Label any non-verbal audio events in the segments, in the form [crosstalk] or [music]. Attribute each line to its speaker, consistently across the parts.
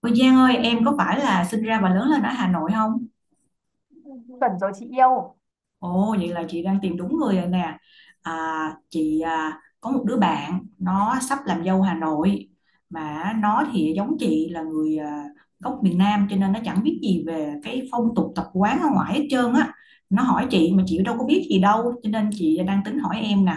Speaker 1: Ôi Giang ơi, em có phải là sinh ra và lớn lên ở Hà Nội không?
Speaker 2: Chuẩn rồi chị yêu.
Speaker 1: Ồ, vậy là chị đang tìm đúng người rồi nè. À, chị à, có một đứa bạn nó sắp làm dâu Hà Nội mà nó thì giống chị là người à, gốc miền Nam cho nên nó chẳng biết gì về cái phong tục tập quán ở ngoài hết trơn á. Nó hỏi chị mà chị đâu có biết gì đâu cho nên chị đang tính hỏi em nè.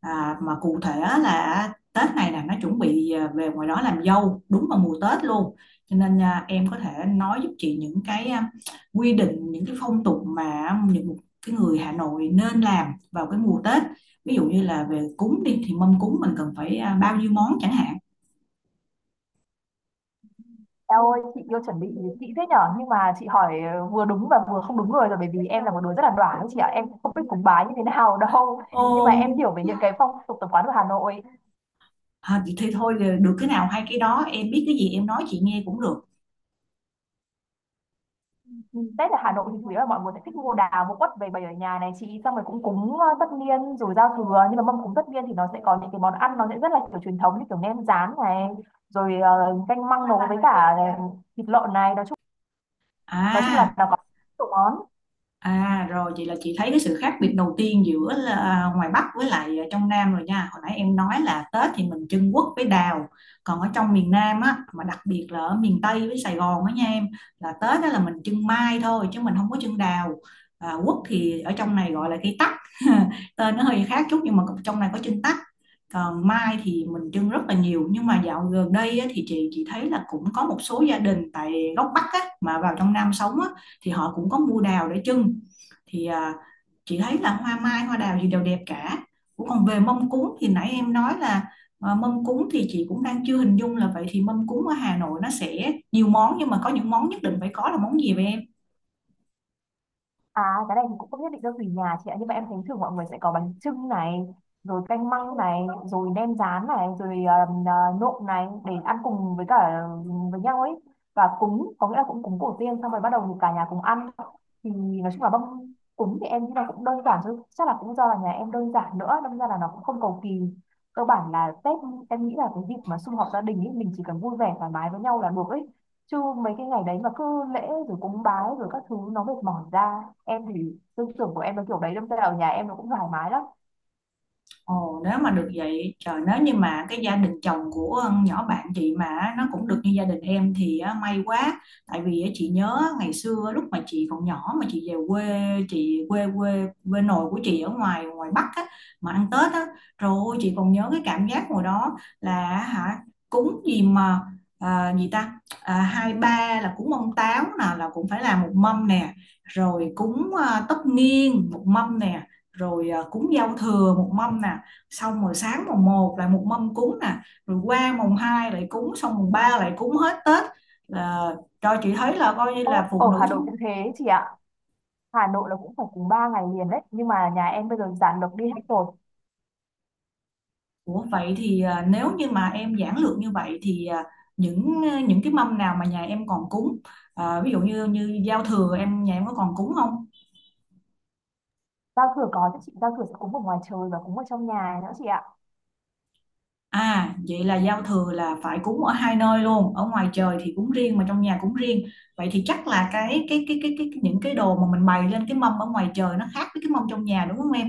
Speaker 1: À, mà cụ thể á là Tết này nè nó chuẩn bị à, về ngoài đó làm dâu đúng vào mùa Tết luôn. Cho nên à, em có thể nói giúp chị những cái à, quy định những cái phong tục mà những cái người Hà Nội nên làm vào cái mùa Tết, ví dụ như là về cúng đi thì mâm cúng mình cần phải à, bao nhiêu món chẳng hạn.
Speaker 2: Em ơi, chị yêu chuẩn bị kỹ thế nhở, nhưng mà chị hỏi vừa đúng và vừa không đúng người rồi, bởi vì em là một đứa rất là đoản đấy chị ạ, em cũng không biết cúng bái như thế nào [laughs] đâu,
Speaker 1: Ô,
Speaker 2: nhưng mà em hiểu về những cái phong tục tập quán của Hà Nội.
Speaker 1: à, thì thôi, được cái nào hay cái đó, em biết cái gì em nói chị nghe cũng được.
Speaker 2: Ừ, Tết ở Hà Nội thì chủ yếu là mọi người sẽ thích mua đào mua quất về bày ở nhà này chị, xong rồi cũng cúng tất niên rồi giao thừa, nhưng mà mâm cúng tất niên thì nó sẽ có những cái món ăn, nó sẽ rất là kiểu truyền thống như kiểu nem rán này, rồi canh măng nấu với cả thịt lợn này, nói chung là
Speaker 1: À,
Speaker 2: nó có nhiều món.
Speaker 1: à rồi vậy là chị thấy cái sự khác biệt đầu tiên giữa là à, ngoài Bắc với lại à, trong Nam rồi nha. Hồi nãy em nói là Tết thì mình trưng quất với đào, còn ở trong miền Nam á mà đặc biệt là ở miền Tây với Sài Gòn á nha em, là Tết đó là mình trưng mai thôi chứ mình không có trưng đào. À, quất thì ở trong này gọi là cây tắc. [laughs] Tên nó hơi khác chút nhưng mà trong này có trưng tắc. Còn mai thì mình trưng rất là nhiều, nhưng mà dạo gần đây á, thì chị thấy là cũng có một số gia đình tại góc Bắc á, mà vào trong Nam sống á thì họ cũng có mua đào để trưng, thì à, chị thấy là hoa mai hoa đào gì đều đẹp cả. Ủa còn về mâm cúng thì nãy em nói là à, mâm cúng thì chị cũng đang chưa hình dung là vậy thì mâm cúng ở Hà Nội nó sẽ nhiều món, nhưng mà có những món nhất định phải có là món gì vậy em?
Speaker 2: À, cái này thì cũng không nhất định đâu, tùy nhà chị ạ. Nhưng mà em thấy thường mọi người sẽ có bánh chưng này, rồi canh măng này, rồi nem rán này, rồi um, à, nộm này, để ăn cùng với cả với nhau ấy. Và cúng, có nghĩa là cũng cúng tổ tiên, xong rồi bắt đầu thì cả nhà cùng ăn. Thì nói chung là mâm cúng thì em nghĩ là cũng đơn giản thôi, chắc là cũng do là nhà em đơn giản nữa, đâm ra là nó cũng không cầu kỳ. Cơ bản là Tết em nghĩ là cái dịp mà sum họp gia đình ấy, mình chỉ cần vui vẻ thoải mái với nhau là được ấy, chứ mấy cái ngày đấy mà cứ lễ rồi cúng bái rồi các thứ nó mệt mỏi ra. Em thì tư tưởng của em nó kiểu đấy, đâm ra ở nhà em nó cũng thoải mái lắm.
Speaker 1: Ồ, nếu mà được vậy, trời, nếu như mà cái gia đình chồng của con nhỏ bạn chị mà nó cũng được như gia đình em thì á, may quá. Tại vì á, chị nhớ ngày xưa lúc mà chị còn nhỏ mà chị về quê, chị quê quê quê nội của chị ở ngoài ngoài Bắc á, mà ăn Tết á, rồi chị còn nhớ cái cảm giác hồi đó là hả, cúng gì mà à, gì ta, à, hai ba là cúng ông táo nè là cũng phải làm một mâm nè, rồi cúng à, tất niên một mâm nè, rồi à, cúng giao thừa một mâm nè, xong rồi sáng mùng một lại một mâm cúng nè, rồi qua mùng 2 lại cúng, xong mùng 3 lại cúng hết Tết, là cho chị thấy là coi như là
Speaker 2: Ô,
Speaker 1: phụ
Speaker 2: ở
Speaker 1: nữ
Speaker 2: Hà Nội
Speaker 1: chúng.
Speaker 2: cũng thế chị ạ. Hà Nội là cũng phải cúng 3 ngày liền đấy, nhưng mà nhà em bây giờ giản lược đi hết rồi.
Speaker 1: Ủa vậy thì à, nếu như mà em giản lược như vậy thì à, những cái mâm nào mà nhà em còn cúng, à, ví dụ như như giao thừa em, nhà em có còn cúng không?
Speaker 2: Giao thừa có chứ chị, giao thừa sẽ cúng ở ngoài trời và cúng ở trong nhà nữa chị ạ.
Speaker 1: À, vậy là giao thừa là phải cúng ở hai nơi luôn, ở ngoài trời thì cúng riêng mà trong nhà cúng riêng. Vậy thì chắc là cái những cái đồ mà mình bày lên cái mâm ở ngoài trời nó khác với cái mâm trong nhà đúng không em?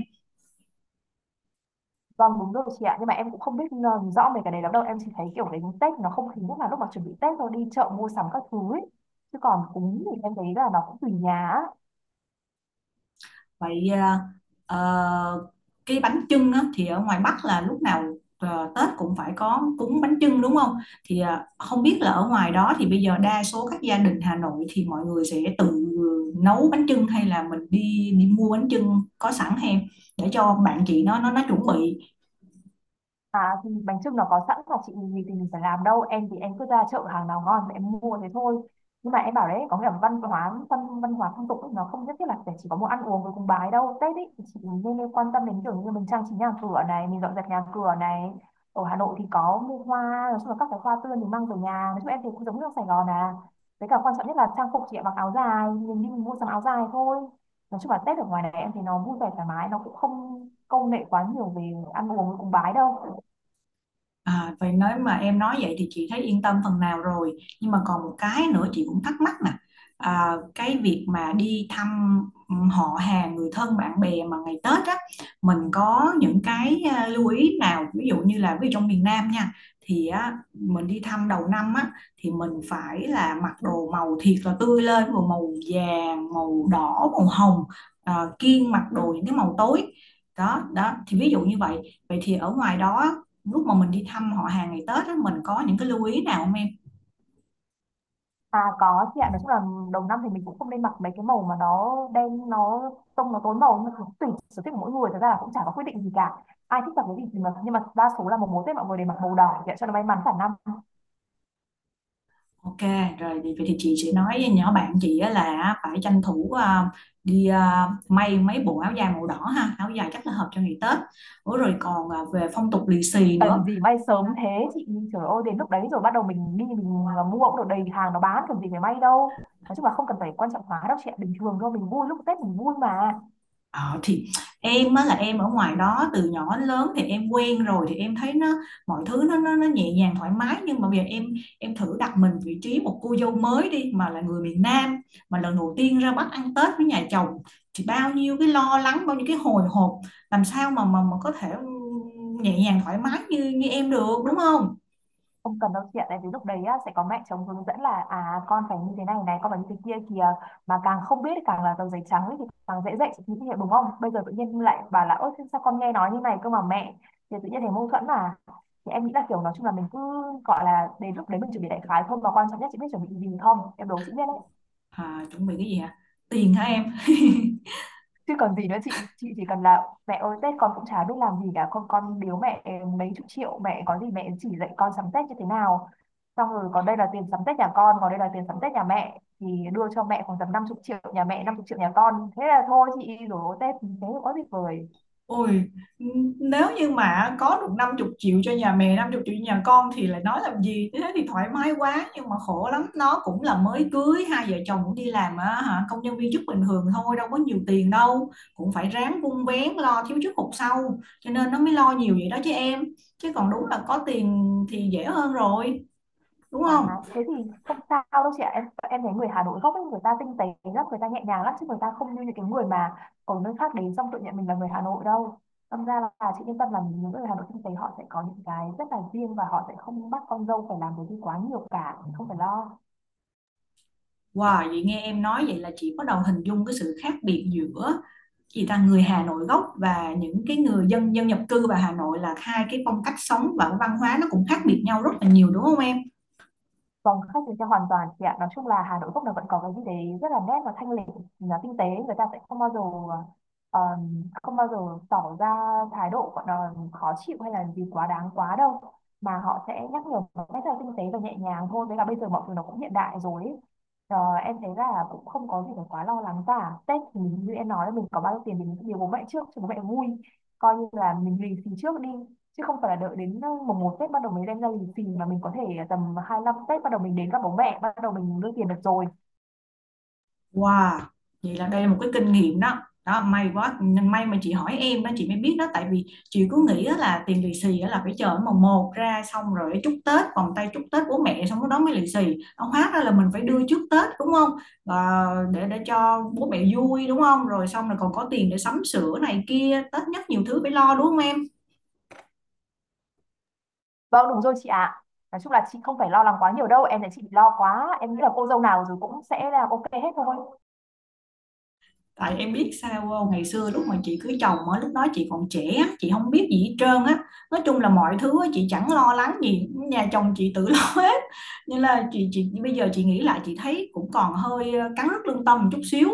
Speaker 2: Vâng, đúng rồi chị ạ, nhưng mà em cũng không biết rõ về cái đấy lắm đâu. Em chỉ thấy kiểu đến Tết nó không khí nhất là lúc mà chuẩn bị Tết thôi, đi chợ mua sắm các thứ ấy. Chứ còn cúng thì em thấy là nó cũng tùy nhà á.
Speaker 1: Vậy ờ, ờ, cái bánh chưng á, thì ở ngoài Bắc là lúc nào ờ, Tết cũng phải có cúng bánh chưng đúng không, thì ờ, không biết là ở ngoài đó thì bây giờ đa số các gia đình Hà Nội thì mọi người sẽ tự nấu bánh chưng hay là mình đi đi mua bánh chưng có sẵn, hay để cho bạn chị nó chuẩn bị.
Speaker 2: À thì bánh chưng nó có sẵn mà chị, mình gì thì mình phải làm đâu. Em thì em cứ ra chợ, hàng nào ngon thì em mua thế thôi. Nhưng mà em bảo đấy, có nghĩa là văn hóa văn hóa phong tục ấy, nó không nhất thiết là phải chỉ có món ăn uống với cúng bái đâu. Tết ấy thì chị nên quan tâm đến kiểu như mình trang trí nhà cửa này, mình dọn dẹp nhà cửa này. Ở Hà Nội thì có mua hoa, nói chung là các cái hoa tươi mình mang về nhà. Nói chung em thì cũng giống như ở Sài Gòn à. Với cả quan trọng nhất là trang phục chị ạ, mặc áo dài, mình đi mình mua sắm áo dài thôi. Nói chung là Tết ở ngoài này em thì nó vui vẻ thoải mái, nó cũng không câu nệ quá nhiều về ăn uống với cúng bái đâu.
Speaker 1: À, vậy nếu mà em nói vậy thì chị thấy yên tâm phần nào rồi, nhưng mà còn một cái nữa chị cũng thắc mắc nè, à, cái việc mà đi thăm, ừ, họ hàng người thân bạn bè mà ngày Tết á, mình có những cái à, lưu ý nào, ví dụ như là ví dụ trong miền Nam nha, thì á, mình đi thăm đầu năm á thì mình phải là mặc đồ màu thiệt là tươi lên, màu màu vàng màu đỏ màu hồng, à, kiêng mặc đồ những cái màu tối đó đó, thì ví dụ như vậy. Vậy thì ở ngoài đó lúc mà mình đi thăm họ hàng ngày Tết á, mình có những cái lưu ý nào không em?
Speaker 2: À, có chị ạ, nói chung là đầu năm thì mình cũng không nên mặc mấy cái màu mà nó đen, nó tông nó tối màu, nhưng mà tùy sở thích của mỗi người, thật ra là cũng chả có quyết định gì cả. Ai thích mặc cái gì thì mặc, nhưng mà đa số là mùng một mùa Tết mọi người đều mặc màu đỏ chị ạ, cho nó may mắn cả năm.
Speaker 1: Ok, rồi thì, vậy thì chị sẽ nói với nhỏ bạn chị á là phải tranh thủ à, đi à, may mấy bộ áo dài màu đỏ ha, áo dài chắc là hợp cho ngày Tết. Ủa rồi còn à, về phong tục lì xì
Speaker 2: Cần
Speaker 1: nữa.
Speaker 2: gì may sớm thế chị, trời ơi, đến lúc đấy rồi bắt đầu mình đi mình mua cũng được, đầy hàng nó bán, cần gì phải may đâu. Nói chung là không cần phải quan trọng hóa đâu chị ạ, bình thường thôi, mình vui lúc Tết mình vui mà.
Speaker 1: Ờ, thì em á là em ở ngoài đó từ nhỏ đến lớn thì em quen rồi thì em thấy nó, mọi thứ nó nhẹ nhàng thoải mái, nhưng mà bây giờ em thử đặt mình vị trí một cô dâu mới đi mà là người miền Nam, mà lần đầu tiên ra Bắc ăn Tết với nhà chồng, thì bao nhiêu cái lo lắng bao nhiêu cái hồi hộp, làm sao mà mà có thể nhẹ nhàng thoải mái như như em được đúng không?
Speaker 2: Không cần đâu chị ạ, tại vì lúc đấy á, sẽ có mẹ chồng hướng dẫn là à con phải như thế này này, con phải như thế kia kìa, mà càng không biết thì càng là tờ giấy trắng ấy, thì càng dễ dạy chị, như thế đúng không? Bây giờ tự nhiên lại bảo là ơ thế sao con nghe nói như này cơ mà mẹ, thì tự nhiên thấy mâu thuẫn mà. Thì em nghĩ là kiểu nói chung là mình cứ gọi là đến lúc đấy mình chuẩn bị đại khái thôi, mà quan trọng nhất chị biết chuẩn bị gì không, em đố chị biết đấy.
Speaker 1: À, chuẩn bị cái gì hả? Tiền hả em?
Speaker 2: Chứ còn gì nữa chị chỉ cần là mẹ ơi Tết con cũng chả biết làm gì cả, con biếu mẹ mấy chục triệu, mẹ có gì mẹ chỉ dạy con sắm Tết như thế nào. Xong rồi còn đây là tiền sắm Tết nhà con, còn đây là tiền sắm Tết nhà mẹ, thì đưa cho mẹ khoảng tầm năm chục triệu nhà mẹ, năm chục triệu nhà con, thế là thôi chị, rồi Tết thế có gì vời.
Speaker 1: Ôi, nếu như mà có được 50 triệu cho nhà mẹ, 50 triệu cho nhà con thì lại nói làm gì, thế thì thoải mái quá, nhưng mà khổ lắm, nó cũng là mới cưới, hai vợ chồng cũng đi làm á, hả, công nhân viên chức bình thường thôi, đâu có nhiều tiền đâu, cũng phải ráng vun vén lo thiếu trước hụt sau, cho nên nó mới lo nhiều vậy đó chứ em, chứ còn đúng là có tiền thì dễ hơn rồi, đúng
Speaker 2: À,
Speaker 1: không?
Speaker 2: thế thì không sao đâu chị ạ. Em thấy người Hà Nội gốc ấy người ta tinh tế lắm, người ta nhẹ nhàng lắm, chứ người ta không như những cái người mà ở nơi khác đến xong tự nhận mình là người Hà Nội đâu. Đâm ra là chị yên tâm, là những người Hà Nội tinh tế họ sẽ có những cái rất là riêng, và họ sẽ không bắt con dâu phải làm cái gì quá nhiều cả, không phải lo.
Speaker 1: Wow, vậy nghe em nói vậy là chị bắt đầu hình dung cái sự khác biệt giữa chị ta người Hà Nội gốc và những cái người dân dân nhập cư vào Hà Nội là hai cái phong cách sống và cái văn hóa nó cũng khác biệt nhau rất là nhiều đúng không em?
Speaker 2: Phòng khách thì sẽ hoàn toàn chị ạ. Nói chung là Hà Nội gốc là vẫn có cái gì đấy rất là nét và thanh lịch, là tinh tế. Người ta sẽ không bao giờ, ờ, không bao giờ tỏ ra thái độ gọi là khó chịu hay là gì quá đáng quá đâu. Mà họ sẽ nhắc nhở một cách rất là tinh tế và nhẹ nhàng thôi. Với cả bây giờ mọi thứ nó cũng hiện đại rồi ấy. Ờ, em thấy là cũng không có gì phải quá lo lắng cả. Tết thì như em nói là mình có bao nhiêu tiền thì mình sẽ biếu bố mẹ trước cho bố mẹ vui. Coi như là mình lì xì trước đi, chứ không phải là đợi đến mùng một Tết bắt đầu mới đem ra lì xì, mà mình có thể tầm 25 Tết bắt đầu mình đến gặp bố mẹ bắt đầu mình đưa tiền được rồi.
Speaker 1: Wow, vậy là đây là một cái kinh nghiệm đó. Đó, may quá, may mà chị hỏi em đó chị mới biết đó, tại vì chị cứ nghĩ á là tiền lì xì á là phải chờ mùng một ra xong rồi chúc Tết vòng tay chúc Tết bố mẹ xong cái đó mới lì xì, nó hóa ra là mình phải đưa trước Tết đúng không? Và để cho bố mẹ vui đúng không, rồi xong là còn có tiền để sắm sửa này kia, Tết nhất nhiều thứ phải lo đúng không em?
Speaker 2: Vâng, đúng rồi chị ạ, nói chung là chị không phải lo lắng quá nhiều đâu, em thấy chị bị lo quá, em nghĩ là cô dâu nào rồi cũng sẽ là ok hết thôi.
Speaker 1: Tại em biết sao không? Ngày xưa lúc mà chị cưới chồng á lúc đó chị còn trẻ, chị không biết gì hết trơn á, nói chung là mọi thứ á, chị chẳng lo lắng gì, nhà chồng chị tự [laughs] lo hết, nên là chị bây giờ chị nghĩ lại chị thấy cũng còn hơi ờ, cắn rứt lương tâm một chút xíu,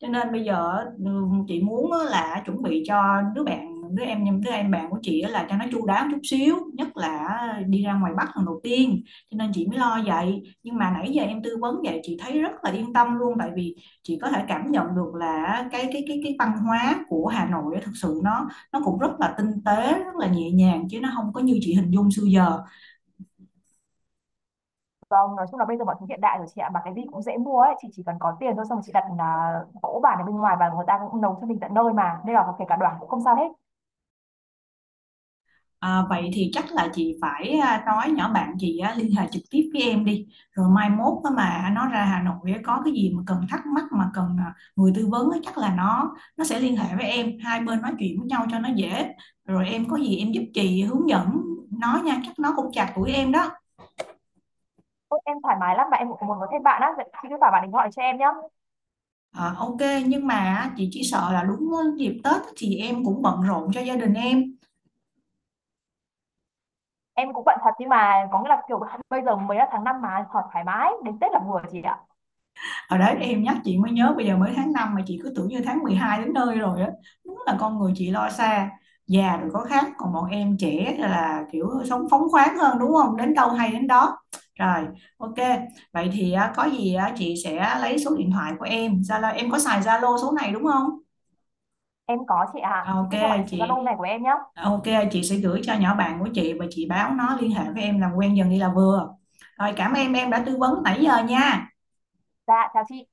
Speaker 1: cho nên bây giờ á, ừ, chị muốn á là chuẩn bị cho đứa bạn, đứa em, đứa em bạn của chị á là cho nó chu đáo một chút xíu, nhất là đi ra ngoài Bắc lần đầu tiên, cho nên chị mới lo vậy, nhưng mà nãy giờ em tư vấn vậy chị thấy rất là yên tâm luôn, tại vì chị có thể cảm nhận được là cái văn hóa của Hà Nội á, thực sự nó cũng rất là tinh tế rất là nhẹ nhàng chứ nó không có như chị hình dung xưa giờ.
Speaker 2: Vâng, nói chung là bây giờ mọi thứ hiện đại rồi chị ạ, mà cái gì cũng dễ mua ấy chị, chỉ cần có tiền thôi, xong rồi chị đặt cỗ bản ở bên ngoài và người ta cũng nấu cho mình tận nơi mà, nên là kể cả đoàn cũng không sao hết.
Speaker 1: À, vậy thì chắc là chị phải à, nói nhỏ bạn chị á, liên hệ trực tiếp với em đi, rồi mai mốt á mà nó ra Hà Nội á, có cái gì mà cần thắc mắc mà cần à, người tư vấn á, chắc là nó sẽ liên hệ với em, hai bên nói chuyện với nhau cho nó dễ, rồi em có gì em giúp chị hướng dẫn nó nha, chắc nó cũng chạc tuổi em đó.
Speaker 2: Ôi, em thoải mái lắm mà, em cũng muốn có thêm bạn á, vậy chị cứ bảo bạn ấy gọi cho em nhá.
Speaker 1: Ờ, ok, nhưng mà chị chỉ sợ là đúng dịp Tết thì em cũng bận rộn cho gia đình em.
Speaker 2: Em cũng bận thật, nhưng mà có nghĩa là kiểu bây giờ mới là tháng 5 mà, thoải thoải mái đến Tết là vừa chị ạ.
Speaker 1: Ở đấy em nhắc chị mới nhớ, bây giờ mới tháng 5 mà chị cứ tưởng như tháng 12 đến nơi rồi á, đúng là con người chị lo xa, già rồi có khác, còn bọn em trẻ là kiểu sống phóng khoáng hơn đúng không, đến đâu hay đến đó. Rồi, ok, vậy thì á, có gì á, chị sẽ lấy số điện thoại của em, Zalo em có xài Zalo số này đúng không?
Speaker 2: Em có chị ạ, chị
Speaker 1: Ok,
Speaker 2: cứ cho bạn số Zalo
Speaker 1: chị.
Speaker 2: này của em nhá.
Speaker 1: Ok, chị sẽ gửi cho nhỏ bạn của chị và chị báo nó liên hệ với em làm quen dần đi là vừa. Rồi cảm ơn em đã tư vấn nãy giờ nha.
Speaker 2: Dạ chào chị.